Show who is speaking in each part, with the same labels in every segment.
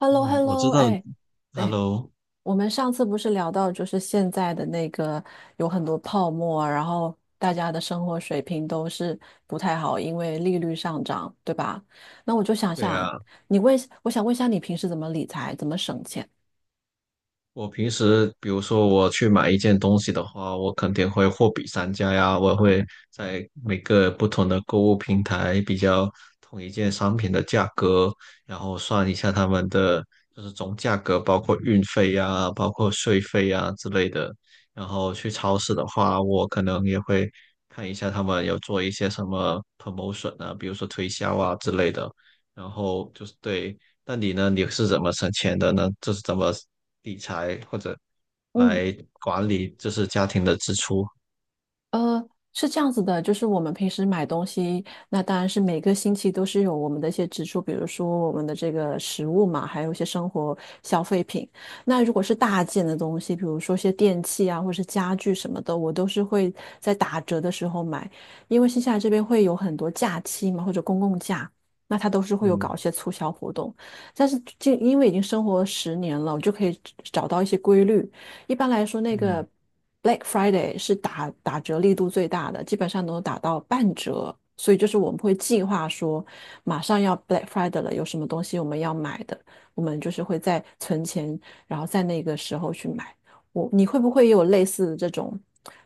Speaker 1: h e l l o h e
Speaker 2: 嗯，
Speaker 1: l l
Speaker 2: 我知
Speaker 1: o
Speaker 2: 道
Speaker 1: 哎哎，
Speaker 2: ，Hello，
Speaker 1: 我们上次不是聊到，就是现在的那个有很多泡沫啊，然后大家的生活水平都是不太好，因为利率上涨，对吧？那我就想
Speaker 2: 对
Speaker 1: 想，
Speaker 2: 啊，
Speaker 1: 你问，我想问一下，你平时怎么理财，怎么省钱？
Speaker 2: 我平时比如说我去买一件东西的话，我肯定会货比三家呀，我会在每个不同的购物平台比较同一件商品的价格，然后算一下他们的就是总价格，包括运费呀，包括税费呀之类的。然后去超市的话，我可能也会看一下他们有做一些什么 promotion 啊，比如说推销啊之类的。然后就是对，那你呢？你是怎么省钱的呢？就是怎么理财或者
Speaker 1: 嗯。
Speaker 2: 来管理，就是家庭的支出？
Speaker 1: 呃，是这样子的，就是我们平时买东西，那当然是每个星期都是有我们的一些支出，比如说我们的这个食物嘛，还有一些生活消费品。那如果是大件的东西，比如说一些电器啊，或者是家具什么的，我都是会在打折的时候买，因为新西兰这边会有很多假期嘛，或者公共假，那它都是会有
Speaker 2: 嗯
Speaker 1: 搞一些促销活动。但是就因为已经生活了10年了，我就可以找到一些规律。一般来说，那
Speaker 2: 嗯，
Speaker 1: 个 Black Friday 是打折力度最大的，基本上都打到半折。所以就是我们会计划说，马上要 Black Friday 了，有什么东西我们要买的，我们就是会在存钱，然后在那个时候去买。我，你会不会也有类似的这种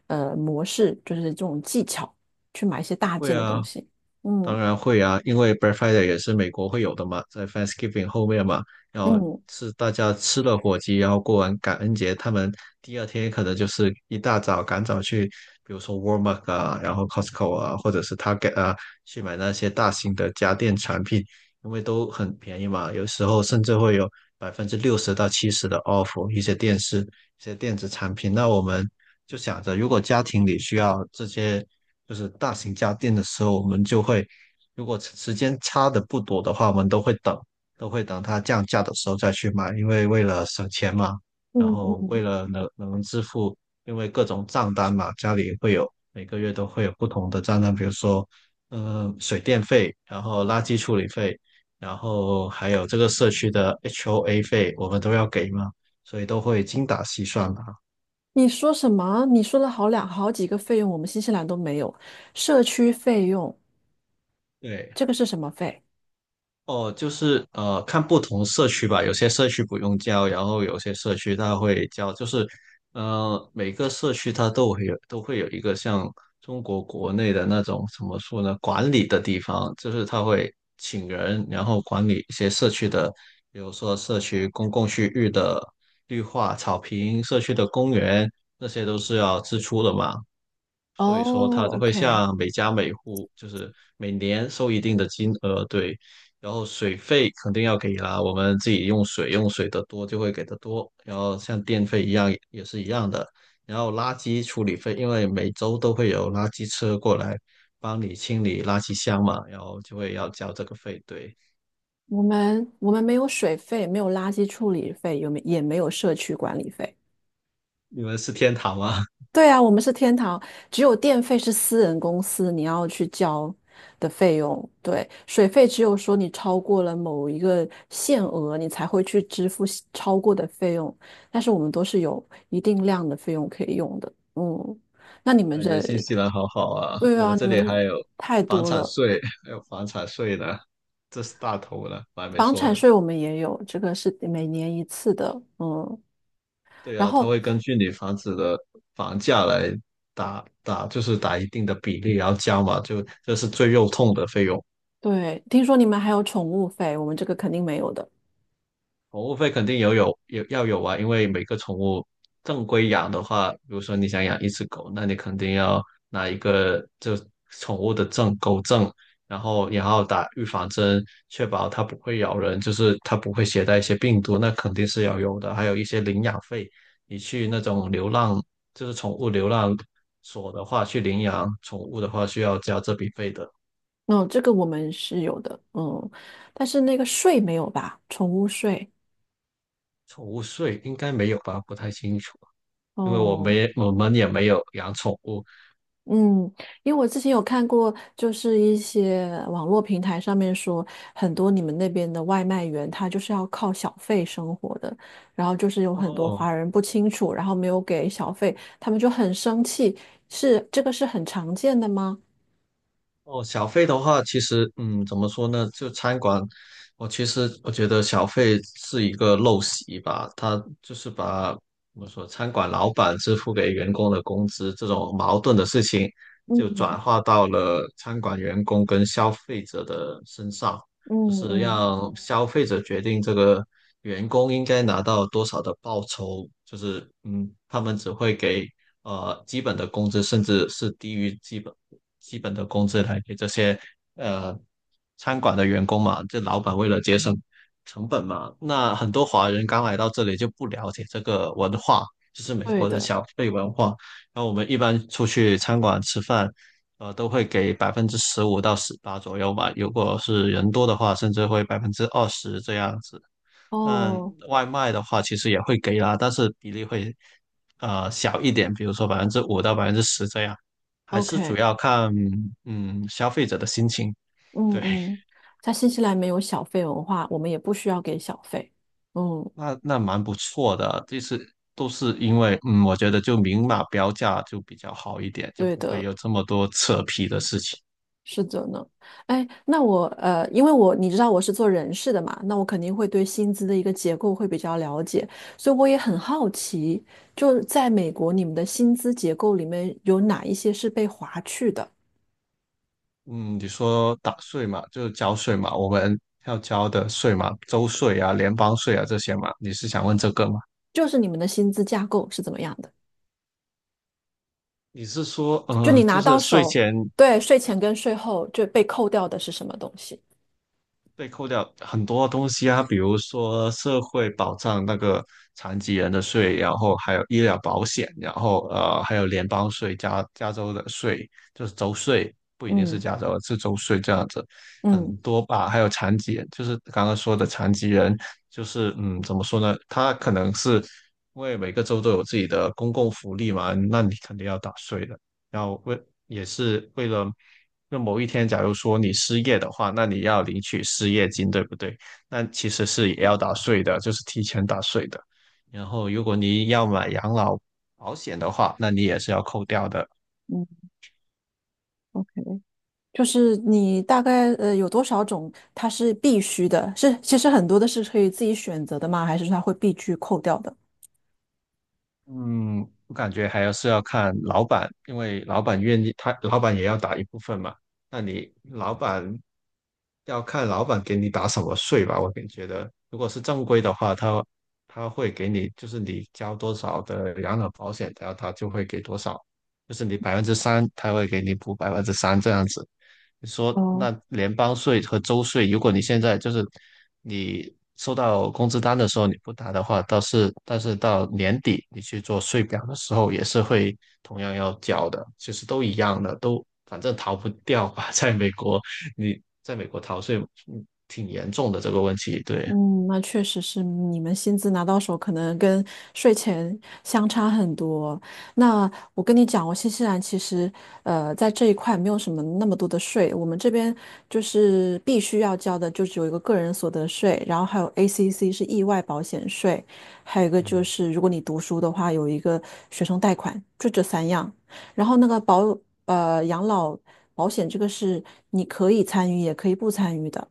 Speaker 1: 模式，就是这种技巧去买一些大
Speaker 2: 会
Speaker 1: 件的
Speaker 2: 啊，
Speaker 1: 东西？嗯
Speaker 2: 当然会啊，因为 Black Friday 也是美国会有的嘛，在 Thanksgiving 后面嘛，然后
Speaker 1: 嗯。
Speaker 2: 是大家吃了火鸡，然后过完感恩节，他们第二天可能就是一大早赶早去，比如说 Walmart 啊，然后 Costco 啊，或者是 Target 啊，去买那些大型的家电产品，因为都很便宜嘛，有时候甚至会有60%到70%的 off 一些电视、一些电子产品。那我们就想着，如果家庭里需要这些就是大型家电的时候，我们就会，如果时间差的不多的话，我们都会等，都会等它降价的时候再去买，因为为了省钱嘛，然
Speaker 1: 嗯
Speaker 2: 后
Speaker 1: 嗯，
Speaker 2: 为了能支付，因为各种账单嘛，家里会有每个月都会有不同的账单，比如说，水电费，然后垃圾处理费，然后还有这个社区的 HOA 费，我们都要给嘛，所以都会精打细算嘛。
Speaker 1: 你说什么？你说了好两好几个费用，我们新西兰都没有。社区费用，
Speaker 2: 对，
Speaker 1: 这个是什么费？
Speaker 2: 哦，就是看不同社区吧，有些社区不用交，然后有些社区它会交，就是每个社区它都会有一个像中国国内的那种怎么说呢，管理的地方，就是它会请人，然后管理一些社区的，比如说社区公共区域的绿化、草坪、社区的公园，那些都是要支出的嘛。所以说它
Speaker 1: 哦
Speaker 2: 会
Speaker 1: ，OK，
Speaker 2: 向每家每户就是每年收一定的金额，对，然后水费肯定要给啦，我们自己用水的多就会给的多，然后像电费一样也是一样的，然后垃圾处理费，因为每周都会有垃圾车过来帮你清理垃圾箱嘛，然后就会要交这个费，对，
Speaker 1: 我们没有水费，没有垃圾处理费，有没也没有社区管理费。
Speaker 2: 你们是天堂吗？
Speaker 1: 对啊，我们是天堂，只有电费是私人公司你要去交的费用，对，水费只有说你超过了某一个限额，你才会去支付西超过的费用，但是我们都是有一定量的费用可以用的。嗯，那你们
Speaker 2: 感觉
Speaker 1: 这，
Speaker 2: 新西兰好好啊，
Speaker 1: 对
Speaker 2: 我
Speaker 1: 啊，
Speaker 2: 们这
Speaker 1: 你
Speaker 2: 里
Speaker 1: 们
Speaker 2: 还有
Speaker 1: 太
Speaker 2: 房
Speaker 1: 多
Speaker 2: 产
Speaker 1: 了。
Speaker 2: 税，还有房产税呢，这是大头了，我还没
Speaker 1: 房
Speaker 2: 说
Speaker 1: 产
Speaker 2: 呢。
Speaker 1: 税我们也有，这个是每年一次的，嗯。
Speaker 2: 对
Speaker 1: 然
Speaker 2: 啊，它
Speaker 1: 后，
Speaker 2: 会根据你房子的房价来打，就是打一定的比例，然后加嘛，就这是最肉痛的费用。
Speaker 1: 对，听说你们还有宠物费，我们这个肯定没有的。
Speaker 2: 宠物费肯定有有有要有啊，因为每个宠物正规养的话，比如说你想养一只狗，那你肯定要拿一个就宠物的证，狗证，然后也要打预防针，确保它不会咬人，就是它不会携带一些病毒，那肯定是要有的。还有一些领养费，你去那种流浪，就是宠物流浪所的话，去领养宠物的话，需要交这笔费的。
Speaker 1: 嗯，这个我们是有的，嗯，但是那个税没有吧？宠物税。
Speaker 2: 宠物税应该没有吧？不太清楚，因为
Speaker 1: 哦，
Speaker 2: 我们也没有养宠物。
Speaker 1: 嗯，因为我之前有看过，就是一些网络平台上面说，很多你们那边的外卖员他就是要靠小费生活的，然后就是有很多
Speaker 2: 哦
Speaker 1: 华人不清楚，然后没有给小费，他们就很生气。是，这个是很常见的吗？
Speaker 2: 哦，小费的话，其实怎么说呢？就餐馆，我其实我觉得小费是一个陋习吧，他就是把怎么说，餐馆老板支付给员工的工资这种矛盾的事情，就
Speaker 1: 嗯
Speaker 2: 转化到了餐馆员工跟消费者的身上，
Speaker 1: 嗯
Speaker 2: 就是
Speaker 1: 嗯，
Speaker 2: 让消费者决定这个员工应该拿到多少的报酬，就是他们只会给。基本的工资，甚至是低于基本的工资来给这些呃餐馆的员工嘛。这老板为了节省成本嘛，那很多华人刚来到这里就不了解这个文化，就是美
Speaker 1: 对
Speaker 2: 国的
Speaker 1: 的。
Speaker 2: 小费文化。然后我们一般出去餐馆吃饭，都会给15%到18%左右吧。如果是人多的话，甚至会20%这样子。但
Speaker 1: 哦。
Speaker 2: 外卖的话，其实也会给啦，但是比例会小一点，比如说5%到10%这样，还是主
Speaker 1: OK，
Speaker 2: 要看消费者的心情。
Speaker 1: 嗯
Speaker 2: 对，
Speaker 1: 嗯，在新西兰没有小费文化，我们也不需要给小费。嗯，
Speaker 2: 那蛮不错的，就是都是因为我觉得就明码标价就比较好一点，就
Speaker 1: 对
Speaker 2: 不会
Speaker 1: 的，
Speaker 2: 有这么多扯皮的事情。
Speaker 1: 是的呢。哎，那我因为我你知道我是做人事的嘛，那我肯定会对薪资的一个结构会比较了解，所以我也很好奇，就是在美国你们的薪资结构里面有哪一些是被划去的，
Speaker 2: 嗯，你说打税嘛，就是交税嘛，我们要交的税嘛，州税啊、联邦税啊这些嘛，你是想问这个吗？
Speaker 1: 就是你们的薪资架构是怎么样的？
Speaker 2: 你是说，
Speaker 1: 就你
Speaker 2: 就
Speaker 1: 拿
Speaker 2: 是
Speaker 1: 到
Speaker 2: 税
Speaker 1: 手，
Speaker 2: 前
Speaker 1: 对，税前跟税后就被扣掉的是什么东西？
Speaker 2: 被扣掉很多东西啊，比如说社会保障那个残疾人的税，然后还有医疗保险，然后还有联邦税、加州的税，就是州税，不一定是
Speaker 1: 嗯
Speaker 2: 加州，是州税这样子，很
Speaker 1: 嗯
Speaker 2: 多吧。还有残疾人，就是刚刚说的残疾人，就是怎么说呢？他可能是因为每个州都有自己的公共福利嘛，那你肯定要打税的。要为也是为了，那某一天假如说你失业的话，那你要领取失业金，对不对？那其实是也要打税的，就是提前打税的。然后如果你要买养老保险的话，那你也是要扣掉的。
Speaker 1: 嗯嗯，就是你大概有多少种它是必须的？是其实很多的是可以自己选择的吗？还是它会必须扣掉的？
Speaker 2: 嗯，我感觉还要是要看老板，因为老板愿意，他老板也要打一部分嘛。那你老板要看老板给你打什么税吧。我感觉得，如果是正规的话，他会给你，就是你交多少的养老保险，然后他就会给多少，就是你百分之三，他会给你补百分之三这样子。你说那
Speaker 1: 哦。
Speaker 2: 联邦税和州税，如果你现在就是你收到工资单的时候你不打的话，但是到年底你去做税表的时候也是会同样要缴的，其实都一样的，都反正逃不掉吧。在美国，你在美国逃税挺严重的这个问题，对，
Speaker 1: 嗯，那确实是你们薪资拿到手，可能跟税前相差很多。那我跟你讲，我新西兰其实在这一块没有什么那么多的税，我们这边就是必须要交的，就只有一个个人所得税，然后还有 ACC 是意外保险税，还有一个就
Speaker 2: 嗯，
Speaker 1: 是如果你读书的话，有一个学生贷款，就这三样。然后那个养老保险这个是你可以参与，也可以不参与的。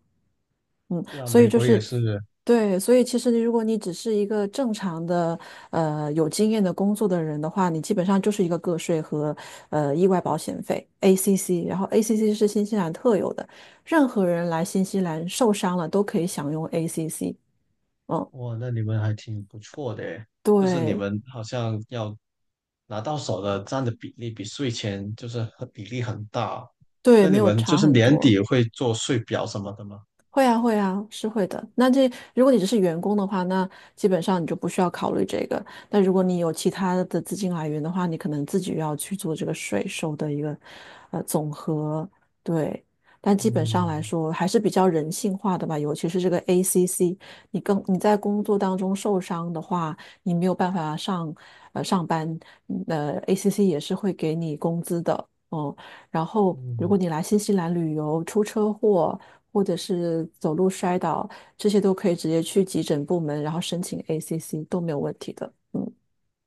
Speaker 1: 嗯，
Speaker 2: 是啊，
Speaker 1: 所以
Speaker 2: 美
Speaker 1: 就
Speaker 2: 国也
Speaker 1: 是，
Speaker 2: 是，
Speaker 1: 对，所以其实你如果你只是一个正常的有经验的工作的人的话，你基本上就是一个个税和意外保险费 （ACC），然后 ACC 是新西兰特有的，任何人来新西兰受伤了都可以享用 ACC。嗯，
Speaker 2: 哇，那你们还挺不错的诶，就是你
Speaker 1: 对
Speaker 2: 们好像要拿到手的占的比例比税前就是很比例很大，
Speaker 1: 对，
Speaker 2: 那
Speaker 1: 没
Speaker 2: 你
Speaker 1: 有
Speaker 2: 们就
Speaker 1: 差
Speaker 2: 是
Speaker 1: 很
Speaker 2: 年
Speaker 1: 多。
Speaker 2: 底会做税表什么的吗？
Speaker 1: 会啊，会啊，是会的。那这如果你只是员工的话，那基本上你就不需要考虑这个。但如果你有其他的资金来源的话，你可能自己要去做这个税收的一个总和。对，但基本上
Speaker 2: 嗯
Speaker 1: 来说还是比较人性化的吧。尤其是这个 ACC，你在工作当中受伤的话，你没有办法上班，ACC 也是会给你工资的。哦，然后，如
Speaker 2: 嗯，
Speaker 1: 果你来新西兰旅游，出车祸或者是走路摔倒，这些都可以直接去急诊部门，然后申请 ACC 都没有问题的。嗯，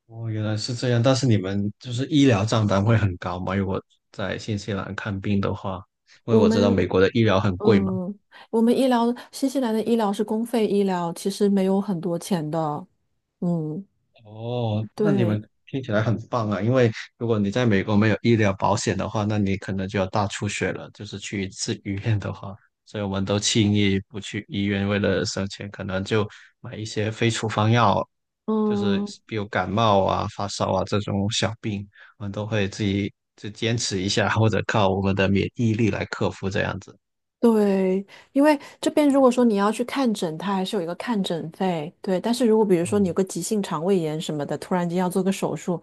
Speaker 2: 哦，原来是这样，但是你们就是医疗账单会很高吗？如果在新西兰看病的话，因为
Speaker 1: 我
Speaker 2: 我知道美
Speaker 1: 们
Speaker 2: 国的医疗很贵嘛。
Speaker 1: 嗯，我们医疗新西兰的医疗是公费医疗，其实没有很多钱的。嗯，
Speaker 2: 哦，那你
Speaker 1: 对，
Speaker 2: 们听起来很棒啊！因为如果你在美国没有医疗保险的话，那你可能就要大出血了。就是去一次医院的话，所以我们都轻易不去医院，为了省钱，可能就买一些非处方药，就是
Speaker 1: 嗯，
Speaker 2: 比如感冒啊、发烧啊这种小病，我们都会自己就坚持一下，或者靠我们的免疫力来克服这样子。
Speaker 1: 对，因为这边如果说你要去看诊，它还是有一个看诊费。对，但是如果比如说你有
Speaker 2: 嗯。
Speaker 1: 个急性肠胃炎什么的，突然间要做个手术，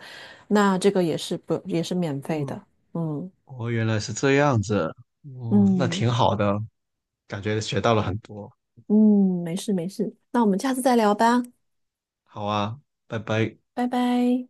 Speaker 1: 那这个也是不也是免费
Speaker 2: 嗯
Speaker 1: 的。嗯
Speaker 2: 哦，原来是这样子，哦，那
Speaker 1: 嗯
Speaker 2: 挺好的，感觉学到了很多。
Speaker 1: 嗯，没事没事，那我们下次再聊吧，
Speaker 2: 好啊，拜拜。
Speaker 1: 拜拜。